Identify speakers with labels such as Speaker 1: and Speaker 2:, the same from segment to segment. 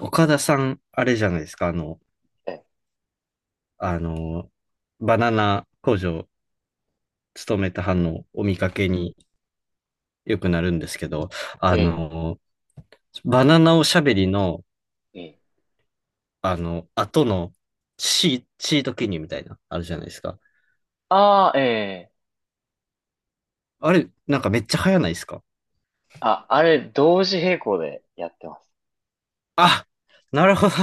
Speaker 1: 岡田さん、あれじゃないですか、
Speaker 2: ええ、
Speaker 1: あの、バナナ工場勤めた班のお見かけによくなるんですけど、
Speaker 2: え
Speaker 1: あ
Speaker 2: え、
Speaker 1: の、バナナおしゃべりの、
Speaker 2: ええ。
Speaker 1: 後のシート記入みたいな、あるじゃないですか。
Speaker 2: ああ、ええ。
Speaker 1: あれ、なんかめっちゃ早ないですか
Speaker 2: あ、あれ、同時並行でやってます。
Speaker 1: あ。なるほど。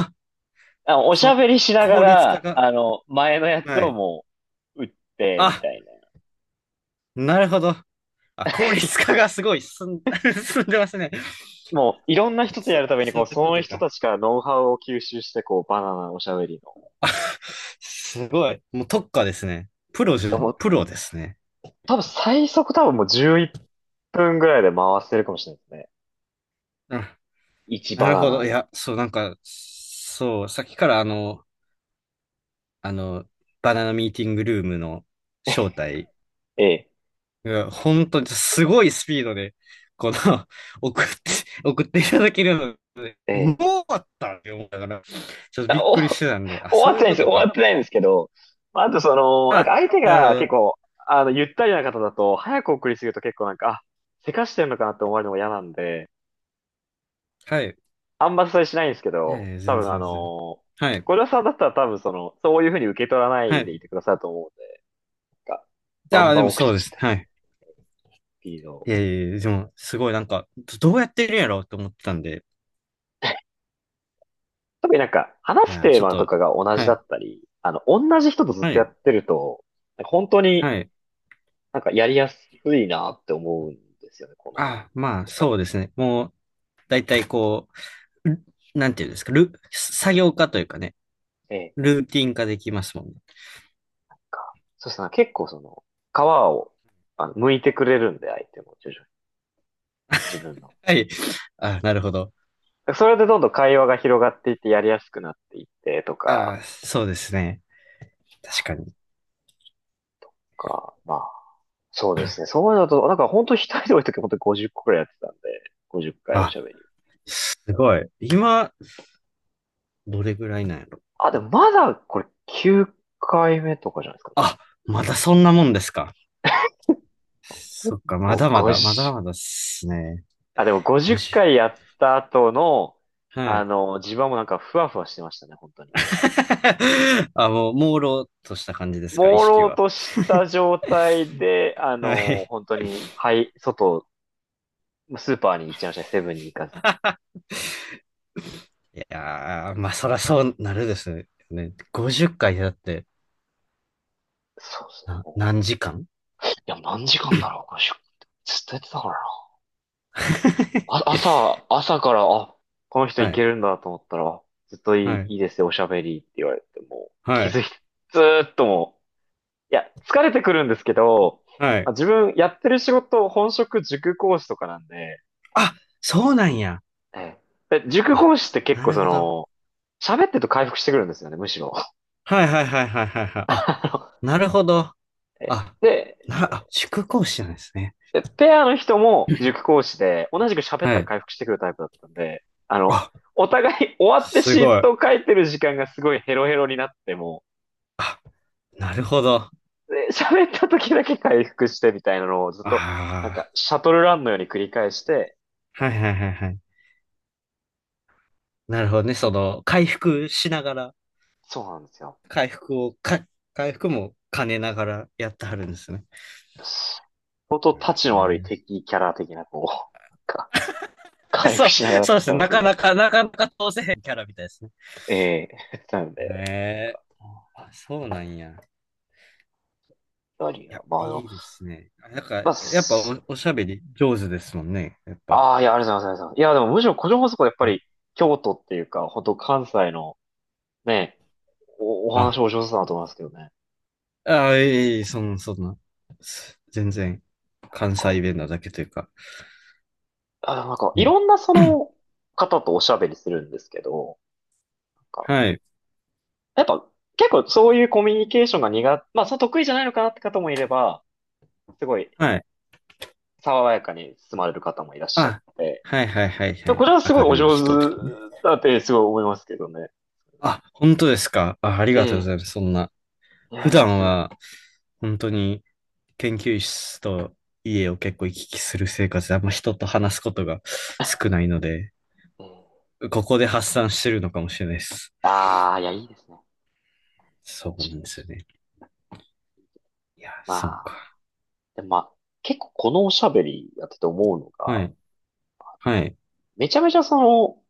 Speaker 2: あ、おし
Speaker 1: そ
Speaker 2: ゃ
Speaker 1: う、
Speaker 2: べりしなが
Speaker 1: 効率化
Speaker 2: ら、
Speaker 1: が。
Speaker 2: 前のやつ
Speaker 1: は
Speaker 2: を
Speaker 1: い。
Speaker 2: もう、打って、み
Speaker 1: あ、
Speaker 2: たいな。
Speaker 1: なるほど。あ、効率化 がすごい進んでますね。
Speaker 2: もう、いろんな人とや
Speaker 1: そ、
Speaker 2: るために、
Speaker 1: そ
Speaker 2: こう、
Speaker 1: ういう
Speaker 2: そ
Speaker 1: こ
Speaker 2: の
Speaker 1: と
Speaker 2: 人
Speaker 1: か。
Speaker 2: たちからノウハウを吸収して、こう、バナナおしゃべり
Speaker 1: あすごい。もう特化ですね。
Speaker 2: の。もう、
Speaker 1: プロですね。
Speaker 2: 多分最速、多分もう11分ぐらいで回せるかもしれないですね。
Speaker 1: うん。
Speaker 2: 1
Speaker 1: な
Speaker 2: バ
Speaker 1: る
Speaker 2: ナ
Speaker 1: ほど。い
Speaker 2: ナ。
Speaker 1: や、そう、なんか、そう、さっきからあの、バナナミーティングルームの招待
Speaker 2: ええ、
Speaker 1: が、本当にすごいスピードで、この、送って、送っていただけるので、
Speaker 2: え
Speaker 1: もう
Speaker 2: え。
Speaker 1: 終わったって思ったから、ちょっ とび
Speaker 2: あ
Speaker 1: っ
Speaker 2: お、
Speaker 1: くりし
Speaker 2: 終
Speaker 1: てたんで、あ、
Speaker 2: わ
Speaker 1: そ
Speaker 2: っ
Speaker 1: うい
Speaker 2: て
Speaker 1: う
Speaker 2: ないんで
Speaker 1: こ
Speaker 2: すよ。
Speaker 1: と
Speaker 2: 終
Speaker 1: か。
Speaker 2: わってないんですけど、まああとその、なんか
Speaker 1: あ、
Speaker 2: 相手
Speaker 1: なるほ
Speaker 2: が結
Speaker 1: ど。
Speaker 2: 構、ゆったりな方だと、早く送りすぎると結構なんか、あ、せかしてんのかなって思われるのが嫌なんで、
Speaker 1: はい。
Speaker 2: あんまそれしないんですけ
Speaker 1: いや
Speaker 2: ど、
Speaker 1: いや、
Speaker 2: 多
Speaker 1: 全
Speaker 2: 分あ
Speaker 1: 然全然。
Speaker 2: の
Speaker 1: はい。
Speaker 2: 小はさんだったら多分その、そういうふうに受け取らな
Speaker 1: は
Speaker 2: い
Speaker 1: い。
Speaker 2: でいてくださると思うんで、なんか、バ
Speaker 1: あ
Speaker 2: ン
Speaker 1: あ、
Speaker 2: バ
Speaker 1: で
Speaker 2: ン
Speaker 1: も
Speaker 2: 送っ
Speaker 1: そうで
Speaker 2: ち
Speaker 1: す。
Speaker 2: ゃったっ
Speaker 1: はい。
Speaker 2: ていうの
Speaker 1: い
Speaker 2: を。
Speaker 1: やいやいやでも、すごいなんか、どどうやってるんやろうと思ってたんで、
Speaker 2: 特になんか、
Speaker 1: い
Speaker 2: 話す
Speaker 1: や、
Speaker 2: テー
Speaker 1: ちょっ
Speaker 2: マと
Speaker 1: と、
Speaker 2: かが同じ
Speaker 1: は
Speaker 2: だ
Speaker 1: い、
Speaker 2: ったり、同じ人とずっ
Speaker 1: は
Speaker 2: とや
Speaker 1: い、
Speaker 2: ってると、なんか本当に
Speaker 1: はい。
Speaker 2: なんかやりやすいなって思うんですよね、この、
Speaker 1: あ、まあ、
Speaker 2: おしゃべ
Speaker 1: そうで
Speaker 2: り。
Speaker 1: すね。もう、だいたいこう、ルなんていうんですか、作業化というかね、
Speaker 2: ええ、
Speaker 1: ルーティン化できますもんね。
Speaker 2: か。そうですね、結構その、皮を、剥いてくれるんで、相手も徐々に、自分の。
Speaker 1: はい。あ、なるほど。
Speaker 2: それでどんどん会話が広がっていってやりやすくなっていってとか、
Speaker 1: あ、そうですね。確かに。
Speaker 2: か、まあ、そうですね。そういうのと、なんか本当一人で多い時本当に50個くらいやってたんで、50回おし
Speaker 1: あ、
Speaker 2: ゃべり。
Speaker 1: すごい。今、どれぐらいなんやろ。
Speaker 2: あ、でもまだこれ9回目とかじゃないですかね。
Speaker 1: あ、まだそんなもんですか。そっか、ま
Speaker 2: もう
Speaker 1: だまだ、まだ
Speaker 2: 50
Speaker 1: まだっすね。
Speaker 2: あ、でも50
Speaker 1: 50。
Speaker 2: 回やった後の、
Speaker 1: はい。
Speaker 2: 地盤もなんかふわふわしてましたね、本当に。
Speaker 1: あ、もう、朦朧とした感じですか、意
Speaker 2: 朦
Speaker 1: 識
Speaker 2: 朧
Speaker 1: は。
Speaker 2: とした状態で、
Speaker 1: はい。
Speaker 2: 本当に、はい、外、スーパーに行っちゃいましたね、セブンに行かず。
Speaker 1: いやー、まあ、そらそうなるですね。50回だって、
Speaker 2: そうですね、も
Speaker 1: 何時間
Speaker 2: う。いや、何時間だろう、ずっとやってたからな。あ、朝から、あ、この人
Speaker 1: は
Speaker 2: いけ
Speaker 1: い、
Speaker 2: るんだと思ったら、あずっとい
Speaker 1: は
Speaker 2: い、
Speaker 1: い、
Speaker 2: いいですよ、おしゃべりって言われて、もう、
Speaker 1: は
Speaker 2: 気
Speaker 1: い、
Speaker 2: づいて、ずーっともう、いや、疲れてくるんですけど、
Speaker 1: は
Speaker 2: まあ
Speaker 1: い。
Speaker 2: 自分やってる仕事、本職塾講師とかなんで、
Speaker 1: あ、そうなんや。
Speaker 2: ええ。で塾
Speaker 1: あ、
Speaker 2: 講師って結
Speaker 1: な
Speaker 2: 構
Speaker 1: る
Speaker 2: そ
Speaker 1: ほど。
Speaker 2: の、喋ってると回復してくるんですよね、むしろ。
Speaker 1: はいはいはいはいはいはい。あ、
Speaker 2: あ
Speaker 1: なるほど。
Speaker 2: のえ
Speaker 1: あ、
Speaker 2: で、
Speaker 1: 塾講師なんですね。
Speaker 2: ペアの人も塾講師で、同じく喋っ
Speaker 1: は
Speaker 2: たら
Speaker 1: い。
Speaker 2: 回復してくるタイプだったんで、
Speaker 1: あ、
Speaker 2: お互い終わって
Speaker 1: す
Speaker 2: シ
Speaker 1: ご
Speaker 2: ー
Speaker 1: い。
Speaker 2: トを書いてる時間がすごいヘロヘロになっても、
Speaker 1: なるほど。あ
Speaker 2: で、喋った時だけ回復してみたいなのをずっと、なん
Speaker 1: あ、
Speaker 2: か、シャトルランのように繰り返して、
Speaker 1: はいはいはいはい。なるほどね。その、回復しながら。
Speaker 2: そうなんですよ。
Speaker 1: 回復をか、回復も兼ねながらやってはるんですね。
Speaker 2: 相当タチ
Speaker 1: へ
Speaker 2: の悪い敵キャラ的な、こう、なんか、
Speaker 1: ー
Speaker 2: 回
Speaker 1: そ
Speaker 2: 復
Speaker 1: う、
Speaker 2: しながらだ
Speaker 1: そ
Speaker 2: っ
Speaker 1: うです
Speaker 2: た
Speaker 1: ね。
Speaker 2: な
Speaker 1: な
Speaker 2: という
Speaker 1: か
Speaker 2: か、
Speaker 1: なか、なかなか通せへんキャラみたいですね。
Speaker 2: ええー なので、なん
Speaker 1: ね
Speaker 2: か
Speaker 1: あ、そうなんや。い
Speaker 2: 何
Speaker 1: や、
Speaker 2: が、まああ
Speaker 1: い
Speaker 2: の、
Speaker 1: いですね。なんか、
Speaker 2: まあ、
Speaker 1: やっぱ
Speaker 2: す
Speaker 1: おしゃべり上手ですもんね。やっぱ。
Speaker 2: ああ、いや、ありがとうございますありがとうございます。いや、でもむしろ個人放送はやっぱり、京都っていうか、本当関西の、ね、お、お
Speaker 1: あ、
Speaker 2: 話お上手だなと思いますけどね。
Speaker 1: あ、いえいえ、そんな、そんな。全然、
Speaker 2: なん
Speaker 1: 関
Speaker 2: か、
Speaker 1: 西弁なだけというか。
Speaker 2: あ、でもなんか、い
Speaker 1: ね。
Speaker 2: ろんなその 方とおしゃべりするんですけど、なんか、
Speaker 1: はい、
Speaker 2: やっぱ、結構そういうコミュニケーションが苦手、まあ、その得意じゃないのかなって方もいれば、すごい
Speaker 1: はい。
Speaker 2: 爽やかに進まれる方もいらっしゃっ
Speaker 1: あ、
Speaker 2: て、
Speaker 1: はいはいはいは
Speaker 2: やこ
Speaker 1: い。
Speaker 2: れはすご
Speaker 1: 明
Speaker 2: いお
Speaker 1: るい
Speaker 2: 上手
Speaker 1: 人とかね。
Speaker 2: だってすごい思いますけどね。
Speaker 1: あ、本当ですか。あ、あり
Speaker 2: え
Speaker 1: がとうご
Speaker 2: え。
Speaker 1: ざいます。そんな。
Speaker 2: い
Speaker 1: 普
Speaker 2: やいや、
Speaker 1: 段
Speaker 2: ず
Speaker 1: は本当に研究室と家を結構行き来する生活であんま人と話すことが少ないので、
Speaker 2: ええ。
Speaker 1: ここで発散してるのかもしれないです。
Speaker 2: ああ、いや、いいですね。
Speaker 1: そう
Speaker 2: 確
Speaker 1: な
Speaker 2: かに。
Speaker 1: んですよね。いや、そ
Speaker 2: ま
Speaker 1: う
Speaker 2: あ、
Speaker 1: か。
Speaker 2: でもまあ、結構このおしゃべりやってて思うの
Speaker 1: は
Speaker 2: が、
Speaker 1: い。はい。
Speaker 2: めちゃめちゃその、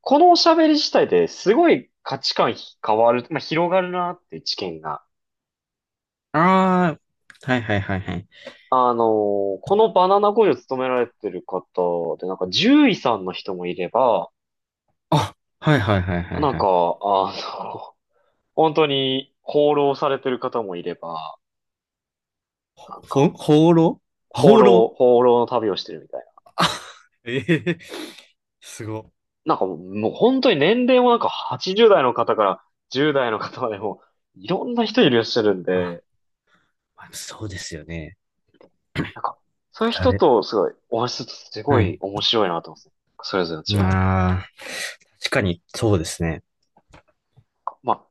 Speaker 2: このおしゃべり自体ですごい価値観変わる、まあ、広がるなって知見が。
Speaker 1: ああ、はいはいはいはい。
Speaker 2: あのこのバナナ工場勤められてる方で、なんか獣医さんの人もいれば、
Speaker 1: あ、はいはいはいはい
Speaker 2: なん
Speaker 1: は
Speaker 2: か、
Speaker 1: い。
Speaker 2: の、本当に放浪されてる方もいれば、なんか、
Speaker 1: 放浪
Speaker 2: 放
Speaker 1: 放浪
Speaker 2: 浪、放浪の旅をしてるみたいな。
Speaker 1: あ、ええすご。
Speaker 2: なんかもう、もう本当に年齢もなんか80代の方から10代の方までも、いろんな人いらっしゃるん
Speaker 1: あ、
Speaker 2: で、
Speaker 1: まあそうですよね。
Speaker 2: なんか、そういう人
Speaker 1: 誰
Speaker 2: とすごいお話しするとすご
Speaker 1: はい。
Speaker 2: い面白いなと思うんですね。それぞれの違いが。
Speaker 1: ああ、確かにそうですね。
Speaker 2: まあ、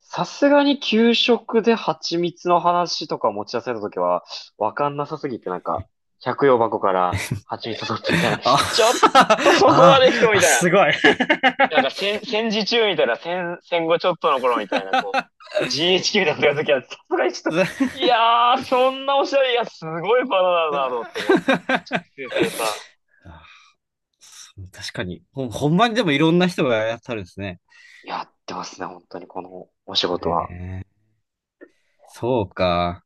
Speaker 2: さすがに給食で蜂蜜の話とか持ち出されたときは、わかんなさすぎてなんか、百葉箱から蜂蜜取ってみたいな、
Speaker 1: あ、
Speaker 2: ちょっと そこま
Speaker 1: あ、
Speaker 2: で人み
Speaker 1: あ、
Speaker 2: たい
Speaker 1: すご
Speaker 2: な。
Speaker 1: い。
Speaker 2: なんか戦時中みたいな、戦後ちょっとの頃みたいな、こう、GHQ だった時は、さすがにちょっと、いやー、そんなおしゃれ、いや、すごいバナナだなと思って、こう、熟成された。
Speaker 1: 確かに。ほんまにでもいろんな人がやったるんですね。
Speaker 2: やってますね、本当に、このお仕事は。
Speaker 1: ねえそうか。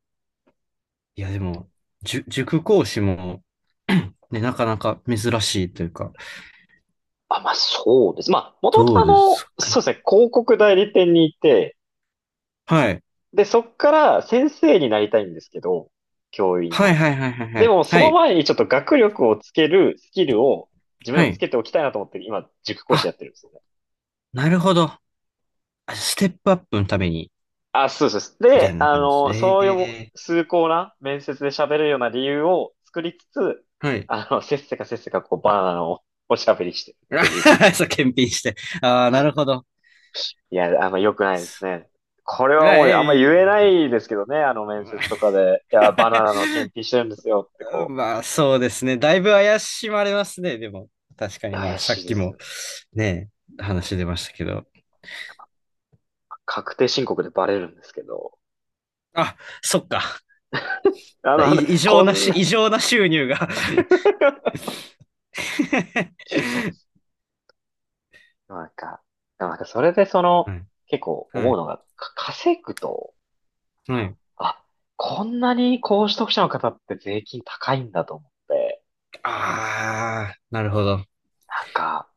Speaker 1: いや、でも、塾講師も ね、なかなか珍しいというか、
Speaker 2: あ、まあ、そうです。まあ、もとも
Speaker 1: ど
Speaker 2: と
Speaker 1: うですか
Speaker 2: そ
Speaker 1: ね。
Speaker 2: うですね、広告代理店にいて、
Speaker 1: はい。
Speaker 2: で、そっから先生になりたいんですけど、教員
Speaker 1: はい
Speaker 2: の。
Speaker 1: はいはいはいは
Speaker 2: で
Speaker 1: い。
Speaker 2: も、そ
Speaker 1: は
Speaker 2: の
Speaker 1: い。
Speaker 2: 前にちょっと学力をつけるスキルを自分で
Speaker 1: は
Speaker 2: もつ
Speaker 1: い。
Speaker 2: けておきたいなと思って、今、塾講師
Speaker 1: あ、
Speaker 2: やってるんですよ。
Speaker 1: なるほど。あステップアップのために、
Speaker 2: あ、そうですそうです。
Speaker 1: みたい
Speaker 2: で、
Speaker 1: な感じです。
Speaker 2: そういう
Speaker 1: ええ
Speaker 2: 崇高な面接で喋れるような理由を作りつつ、
Speaker 1: はい。
Speaker 2: せっせかせっせかこうバナナのおしゃべりしてるっていう。
Speaker 1: あ そう、検品して。ああ、なるほど。
Speaker 2: いや、あんま良くないですね。これ
Speaker 1: あ
Speaker 2: はもうあんま
Speaker 1: え
Speaker 2: 言えな
Speaker 1: い。
Speaker 2: いですけどね、あの面接とかで。いや、バナナの検品してるんですよってこ
Speaker 1: まあ、そうですね。だいぶ怪しまれますね。でも、確か
Speaker 2: う。
Speaker 1: に、
Speaker 2: いや
Speaker 1: まあ、
Speaker 2: 怪
Speaker 1: さ
Speaker 2: し
Speaker 1: っ
Speaker 2: いで
Speaker 1: き
Speaker 2: す
Speaker 1: も、
Speaker 2: よね。
Speaker 1: ね、話出ましたけど。
Speaker 2: 確定申告でバレるんですけど。
Speaker 1: あ、そっか。
Speaker 2: あの、
Speaker 1: だ
Speaker 2: あの
Speaker 1: い異
Speaker 2: こ
Speaker 1: 常な
Speaker 2: ん
Speaker 1: し、
Speaker 2: な
Speaker 1: 異 常な収入が
Speaker 2: そうです。なんか、なんかそれでその、
Speaker 1: はい。
Speaker 2: 結構
Speaker 1: は
Speaker 2: 思う
Speaker 1: い。
Speaker 2: のが、稼ぐと
Speaker 1: はい。
Speaker 2: あ、こんなに高所得者の方って税金高いんだと思って、
Speaker 1: ああ、なるほど。
Speaker 2: なんか、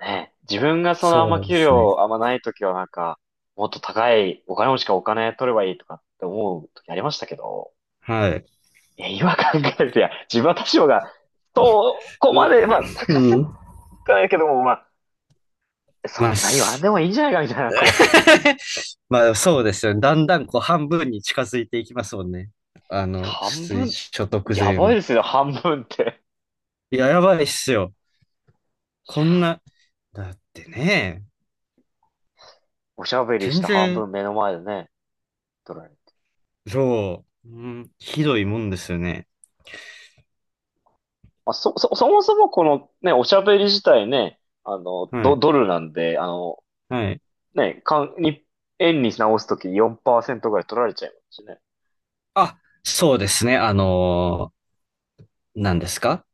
Speaker 2: ね、自分がそのあん
Speaker 1: そ
Speaker 2: ま
Speaker 1: うで
Speaker 2: 給
Speaker 1: すね。
Speaker 2: 料あんまない時はなんか、もっと高いお金持ちからお金取ればいいとかって思う時ありましたけど、
Speaker 1: はい。
Speaker 2: いや、今考えると、いや、自分は多少が、そこまで、まあ、
Speaker 1: う、う
Speaker 2: 高す
Speaker 1: ん。
Speaker 2: ぎはないけども、まあ、
Speaker 1: ま
Speaker 2: そ
Speaker 1: あ、
Speaker 2: んな言わん
Speaker 1: す
Speaker 2: でもいいんじゃないかみたいな、こう、
Speaker 1: まあそうですよね。だんだんこう半分に近づいていきますもんね。
Speaker 2: 半
Speaker 1: 出
Speaker 2: 分、
Speaker 1: 所得
Speaker 2: や
Speaker 1: 税
Speaker 2: ばい
Speaker 1: も。
Speaker 2: ですよ、半分って。
Speaker 1: いや、やばいっすよ。こんな、だってね、
Speaker 2: おしゃべりし
Speaker 1: 全
Speaker 2: た半
Speaker 1: 然、
Speaker 2: 分目の前でね、取られる。
Speaker 1: そう、うん、ひどいもんですよね。
Speaker 2: まあ、そもそもこのね、おしゃべり自体ね、
Speaker 1: は
Speaker 2: ド、
Speaker 1: い、
Speaker 2: ドルなんで、
Speaker 1: はい。
Speaker 2: ね、かん、に、円に直すとき4%ぐらい取られちゃいますしね。
Speaker 1: あ、そうですね。何ですか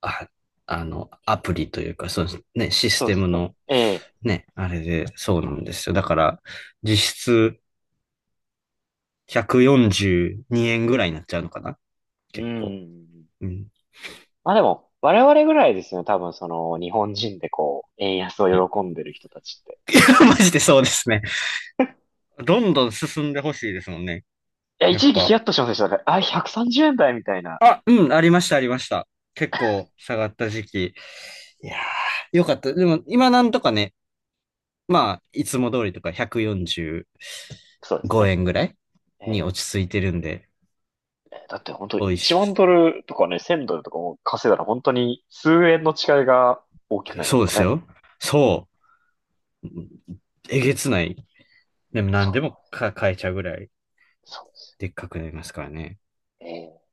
Speaker 1: あ、アプリというか、そうですね、シス
Speaker 2: そう
Speaker 1: テ
Speaker 2: で
Speaker 1: ム
Speaker 2: すね。
Speaker 1: の、
Speaker 2: ええ。
Speaker 1: ね、あれで、そうなんですよ。だから、実質142円ぐらいになっちゃうのかな
Speaker 2: う
Speaker 1: 結構。
Speaker 2: ん。
Speaker 1: うん。
Speaker 2: まあでも、我々ぐらいですね。多分その、日本人でこう、円安
Speaker 1: はい
Speaker 2: を喜んでる人たちって。
Speaker 1: マジでそうですね。どんどん進んでほしいですもんね。
Speaker 2: いや、
Speaker 1: やっ
Speaker 2: 一時期ヒ
Speaker 1: ぱ。
Speaker 2: ヤッとしませんでした。だから、あ、130円台みたいな。
Speaker 1: あ、うん、ありました、ありました。結構下がった時期。いやー、よかった。でも、今なんとかね、まあ、いつも通りとか145
Speaker 2: そうですね。
Speaker 1: 円ぐらいに
Speaker 2: え
Speaker 1: 落ち着いてるんで、
Speaker 2: え。だって本当
Speaker 1: 美味
Speaker 2: 1万
Speaker 1: し
Speaker 2: ド
Speaker 1: い
Speaker 2: ルとかね、1000ドルとかも稼いだら本当に数円の違いが大き
Speaker 1: で
Speaker 2: く
Speaker 1: すね。
Speaker 2: なります
Speaker 1: そう
Speaker 2: か
Speaker 1: で
Speaker 2: ら
Speaker 1: す
Speaker 2: ね。
Speaker 1: よ。そう。えげつない。でも
Speaker 2: そ
Speaker 1: 何でも
Speaker 2: う、
Speaker 1: か買えちゃうぐらい
Speaker 2: そうです。
Speaker 1: でっかくなりますからね。
Speaker 2: え